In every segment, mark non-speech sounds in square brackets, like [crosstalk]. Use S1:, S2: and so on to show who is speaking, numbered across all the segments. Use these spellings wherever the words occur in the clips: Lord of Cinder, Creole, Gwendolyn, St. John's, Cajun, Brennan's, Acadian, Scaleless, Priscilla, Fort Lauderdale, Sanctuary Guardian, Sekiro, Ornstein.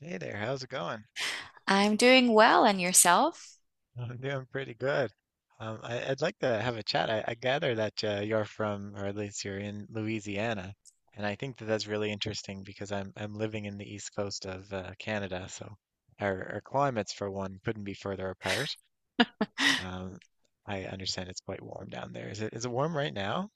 S1: Hey there, how's it going?
S2: I'm doing well, and yourself?
S1: I'm doing pretty good. I'd like to have a chat. I gather that you're from, or at least you're in Louisiana, and I think that that's really interesting because I'm living in the east coast of Canada, so our climates for one couldn't be further apart. Um, I understand it's quite warm down there. Is it warm right now?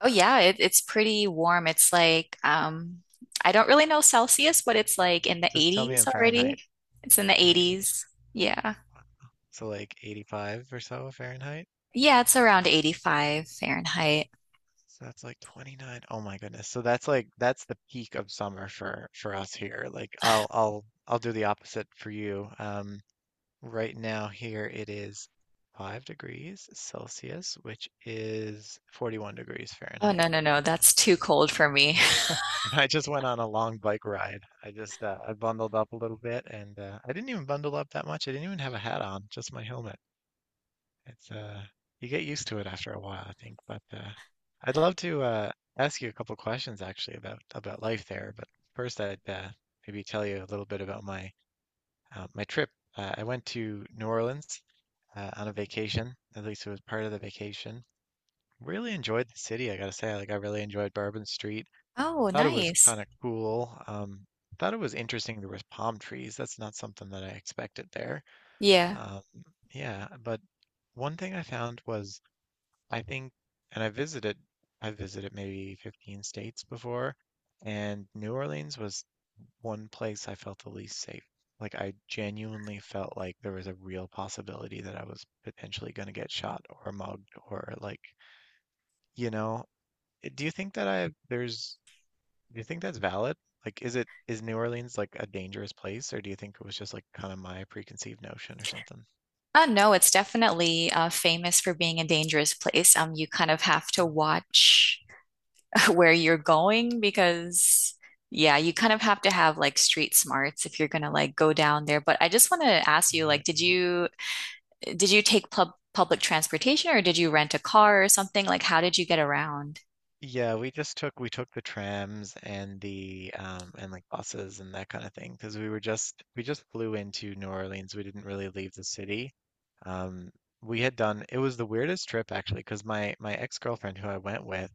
S2: Oh yeah, it's pretty warm. It's like I don't really know Celsius, but it's like in the
S1: Just tell me
S2: 80s
S1: in Fahrenheit
S2: already. It's in the
S1: in the 80,
S2: 80s. Yeah.
S1: so like 85 or so Fahrenheit.
S2: Yeah, it's around 85 Fahrenheit.
S1: So that's like 29. Oh my goodness. So that's like that's the peak of summer for us here. Like I'll do the opposite for you. Right now here it is 5 degrees Celsius, which is 41 degrees
S2: Oh no,
S1: Fahrenheit.
S2: no, no, that's too cold for me. [laughs]
S1: [laughs] And I just went on a long bike ride. I just I bundled up a little bit and I didn't even bundle up that much. I didn't even have a hat on, just my helmet. It's you get used to it after a while, I think. But I'd love to ask you a couple questions actually about life there. But first, I'd maybe tell you a little bit about my trip. I went to New Orleans on a vacation. At least it was part of the vacation. Really enjoyed the city, I gotta say. Like I really enjoyed Bourbon Street.
S2: Oh,
S1: Thought it was
S2: nice.
S1: kind of cool. Thought it was interesting there was palm trees. That's not something that I expected there.
S2: Yeah.
S1: Um, yeah, but one thing I found was I think, and I visited, I visited maybe 15 states before, and New Orleans was one place I felt the least safe. Like I genuinely felt like there was a real possibility that I was potentially going to get shot or mugged or like, you know, eh, do you think that's valid? Like, is New Orleans like a dangerous place, or do you think it was just like kind of my preconceived notion or something?
S2: Oh no, it's definitely famous for being a dangerous place. You kind of have to watch like where you're going, because yeah, you kind of have to have like street smarts if you're gonna like go down there. But I just want to ask you, like,
S1: Right.
S2: did you take public transportation, or did you rent a car or something? Like, how did you get around?
S1: Yeah, we took the trams and the and like buses and that kind of thing because we just flew into New Orleans. We didn't really leave the city. Um, we had done it was the weirdest trip actually because my ex-girlfriend who I went with,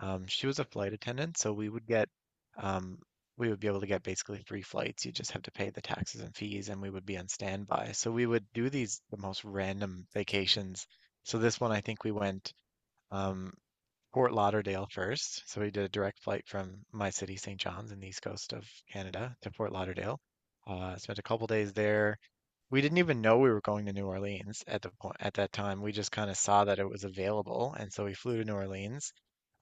S1: she was a flight attendant, so um we would be able to get basically three flights. You just have to pay the taxes and fees, and we would be on standby. So we would do the most random vacations. So this one I think we went. Um, Fort Lauderdale first. So we did a direct flight from my city, St. John's, in the east coast of Canada to Fort Lauderdale. Spent a couple days there. We didn't even know we were going to New Orleans at the point at that time. We just kind of saw that it was available, and so we flew to New Orleans.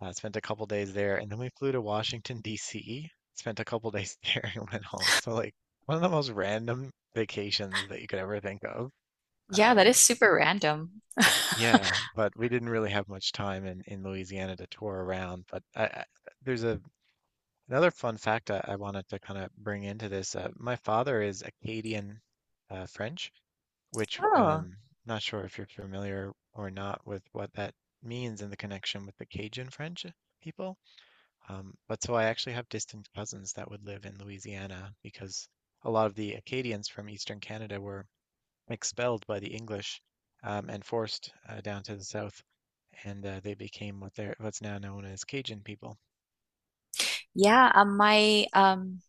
S1: Spent a couple days there, and then we flew to Washington, D.C. Spent a couple days there [laughs] and went home. So like one of the most random vacations that you could ever think of.
S2: Yeah, that
S1: Um,
S2: is super random. [laughs]
S1: yeah, but we didn't really have much time in Louisiana to tour around. But there's a another fun fact I wanted to kind of bring into this. My father is Acadian French, which
S2: Oh,
S1: not sure if you're familiar or not with what that means in the connection with the Cajun French people. But so I actually have distant cousins that would live in Louisiana because a lot of the Acadians from Eastern Canada were expelled by the English and forced down to the south, and they became what they're what's now known as Cajun people.
S2: yeah. My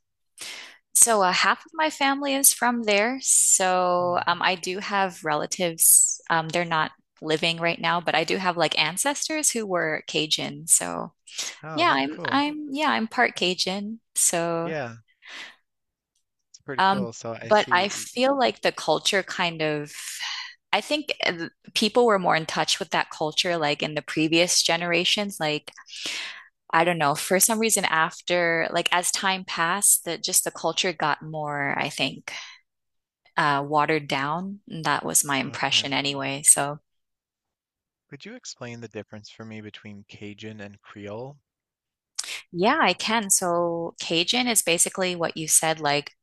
S2: so Half of my family is from there. So
S1: Hmm.
S2: I do have relatives. They're not living right now, but I do have like ancestors who were Cajun. So.
S1: Oh,
S2: Yeah,
S1: that's
S2: I'm
S1: cool.
S2: I'm yeah, I'm part Cajun. So,
S1: Yeah, it's pretty
S2: um,
S1: cool. So I
S2: but I
S1: see.
S2: feel like the culture kind of, I think people were more in touch with that culture like in the previous generations. Like, I don't know, for some reason after like as time passed, that just the culture got more, I think, watered down. That was my
S1: Okay.
S2: impression anyway. So
S1: Could you explain the difference for me between Cajun and Creole?
S2: yeah, I can. So Cajun is basically what you said, like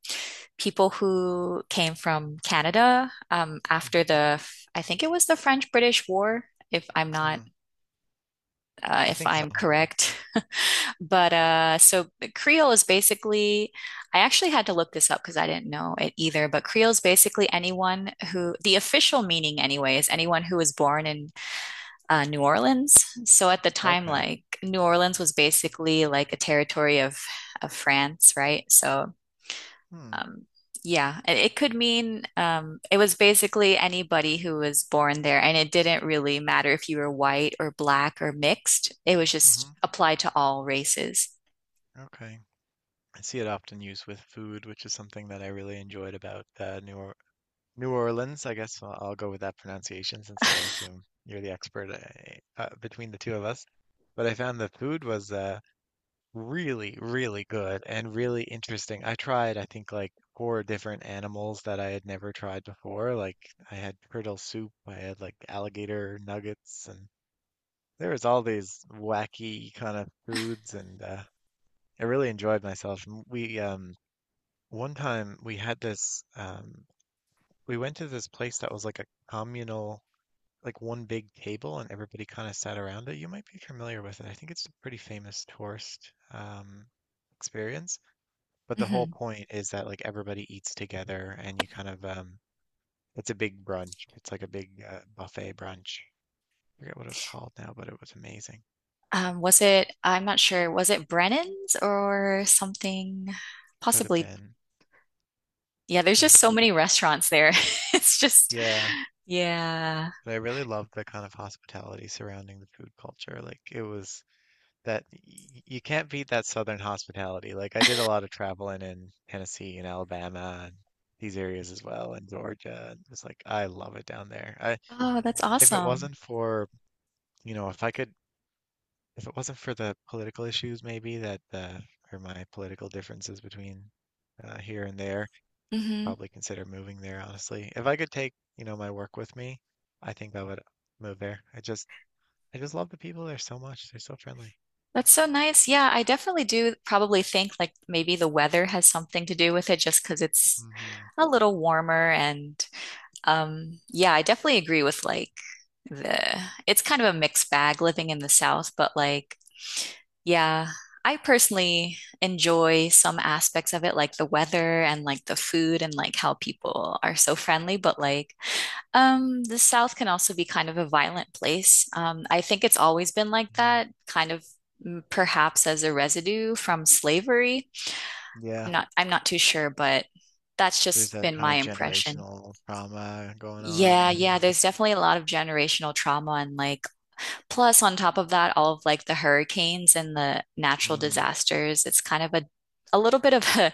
S2: people who came from Canada
S1: Mhm.
S2: after the, I think it was the French-British War, if I'm not,
S1: Hmm. I
S2: if
S1: think so.
S2: I'm correct. [laughs] But so Creole is basically, I actually had to look this up because I didn't know it either. But Creole is basically anyone who, the official meaning anyway, is anyone who was born in New Orleans. So at the time,
S1: Okay.
S2: like New Orleans was basically like a territory of France, right? So
S1: Hmm.
S2: um, yeah, it could mean it was basically anybody who was born there, and it didn't really matter if you were white or black or mixed. It was just
S1: Hmm.
S2: applied to all races.
S1: Okay. I see it often used with food, which is something that I really enjoyed about New Orleans, I guess I'll go with that pronunciation since I assume you're the expert between the two of us. But I found the food was really, really good and really interesting. I tried, I think, like four different animals that I had never tried before. Like I had turtle soup, I had like alligator nuggets, and there was all these wacky kind of foods, and I really enjoyed myself. M- We One time we had this we went to this place that was like a communal like one big table and everybody kind of sat around it. You might be familiar with it. I think it's a pretty famous tourist experience. But the whole
S2: Hmm.
S1: point is that like everybody eats together and you kind of it's a big brunch. It's like a big buffet brunch. I forget what it was called now, but it was amazing.
S2: Was it? I'm not sure. Was it Brennan's or something?
S1: Could have
S2: Possibly.
S1: been.
S2: Yeah, there's
S1: Yeah.
S2: just so many restaurants there. [laughs] It's just,
S1: Yeah.
S2: yeah.
S1: But I really loved the kind of hospitality surrounding the food culture. Like it was that y- you can't beat that southern hospitality. Like I did a lot of traveling in Tennessee and Alabama and these areas as well, and Georgia. And it's like I love it down there. I
S2: Oh, that's
S1: if it
S2: awesome.
S1: wasn't for, you know, if I could, if it wasn't for the political issues maybe that or my political differences between here and there,
S2: Hmm.
S1: probably consider moving there, honestly. If I could take, you know, my work with me, I think I would move there. I just love the people there so much. They're so friendly.
S2: That's so nice. Yeah, I definitely do probably think like maybe the weather has something to do with it, just because it's
S1: Hmm.
S2: a little warmer. And yeah, I definitely agree with like the it's kind of a mixed bag living in the South, but like yeah, I personally enjoy some aspects of it, like the weather and like the food and like how people are so friendly. But like, the South can also be kind of a violent place. I think it's always been like
S1: Yeah.
S2: that, kind of mm, perhaps as a residue from slavery.
S1: Yeah.
S2: I'm not too sure, but that's
S1: There's
S2: just
S1: that
S2: been
S1: kind
S2: my
S1: of
S2: impression.
S1: generational trauma going on,
S2: Yeah,
S1: and
S2: yeah, there's definitely a lot of generational trauma and like plus, on top of that, all of like the hurricanes and the natural
S1: mm,
S2: disasters, it's kind of a little bit of [laughs]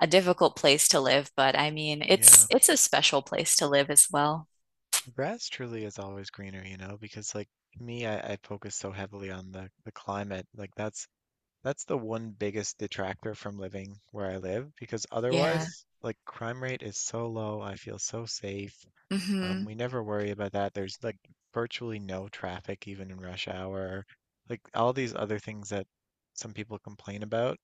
S2: a difficult place to live, but I mean, it's
S1: yeah,
S2: it's a special place to live as well.
S1: grass truly is always greener, you know, because like me, I focus so heavily on the climate. Like that's the one biggest detractor from living where I live, because
S2: Yeah.
S1: otherwise, like crime rate is so low. I feel so safe.
S2: Hmm.
S1: We never worry about that. There's like virtually no traffic even in rush hour. Like all these other things that some people complain about.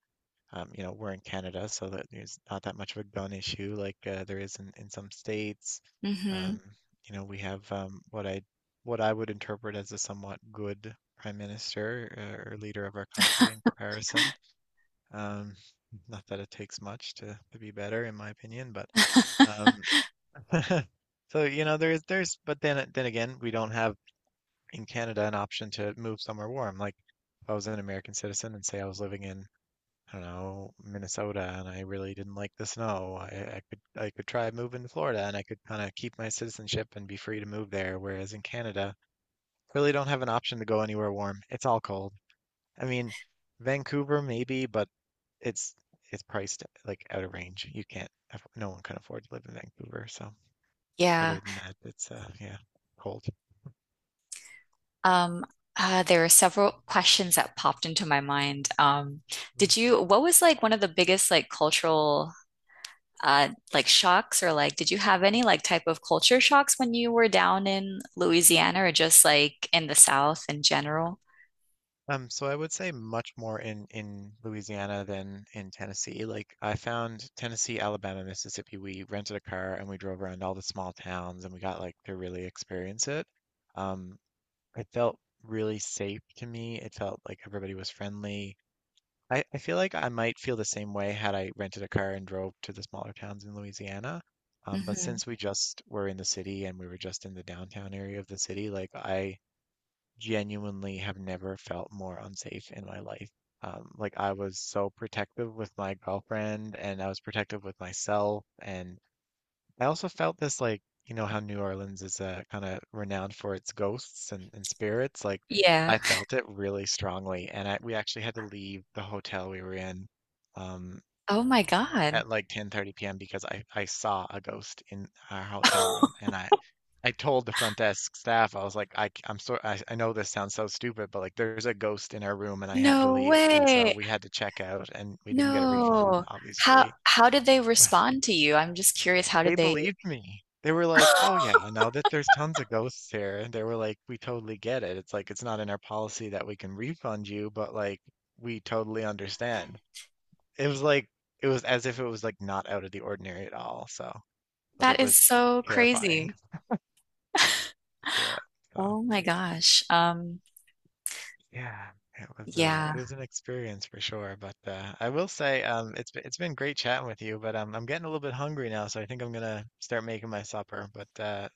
S1: You know, we're in Canada, so that there's not that much of a gun issue like there is in some states.
S2: Hmm.
S1: Um, you know, we have what I would interpret as a somewhat good prime minister or leader of our country in comparison. Um, Not that it takes much to be better, in my opinion, but
S2: [laughs]
S1: um, [laughs] so you know, but then again, we don't have in Canada an option to move somewhere warm. Like if I was an American citizen and say I was living in I don't know, Minnesota and I really didn't like the snow. I could try moving to Florida and I could kind of keep my citizenship and be free to move there, whereas in Canada, really don't have an option to go anywhere warm. It's all cold. I mean, Vancouver maybe, but it's it's priced like out of range. You can't aff- no one can afford to live in Vancouver, so
S2: Yeah.
S1: other than that, it's yeah, cold.
S2: Um, there were several questions that popped into my mind.
S1: Hmm.
S2: What was like one of the biggest like cultural like shocks, or like did you have any like type of culture shocks when you were down in Louisiana, or just like in the South in general?
S1: So I would say much more in Louisiana than in Tennessee. Like I found Tennessee, Alabama, Mississippi, we rented a car and we drove around all the small towns and we got like to really experience it. Um, it felt really safe to me. It felt like everybody was friendly. I feel like I might feel the same way had I rented a car and drove to the smaller towns in Louisiana. But
S2: Hmm.
S1: since we just were in the city and we were just in the downtown area of the city, like I genuinely have never felt more unsafe in my life. Like I was so protective with my girlfriend and I was protective with myself. And I also felt this like, you know, how New Orleans is kind of renowned for its ghosts and spirits. Like
S2: Yeah.
S1: I felt it really strongly. And we actually had to leave the hotel we were in. Um,
S2: Oh my God.
S1: at like 10:30 p.m. because I saw a ghost in our hotel room
S2: [laughs]
S1: and I told the front desk staff I was like I am so I know this sounds so stupid but like there's a ghost in our room and I have to
S2: No
S1: leave and so
S2: way.
S1: we had to check out and we didn't get a refund
S2: No. How
S1: obviously. [sighs]
S2: how did they
S1: [laughs]
S2: respond to you? I'm just curious, how did
S1: They
S2: they
S1: believed me. They were like, "Oh yeah,
S2: [laughs]
S1: I know that there's tons of ghosts here." And they were like, "We totally get it. It's like it's not in our policy that we can refund you, but like we totally understand." It was like it was as if it was like not out of the ordinary at all. So but
S2: that
S1: it
S2: is
S1: was
S2: so
S1: terrifying.
S2: crazy.
S1: Yeah. So
S2: Oh my gosh.
S1: yeah,
S2: Yeah.
S1: it was an experience for sure. But I will say it's been great chatting with you, but I'm getting a little bit hungry now, so I think I'm gonna start making my supper. But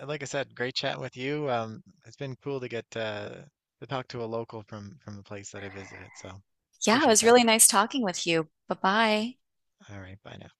S1: like I said, great chatting with you. It's been cool to get to talk to a local from the place that I visited. So
S2: Yeah, it
S1: appreciate
S2: was
S1: that.
S2: really nice talking with you. Bye-bye.
S1: All right, bye now.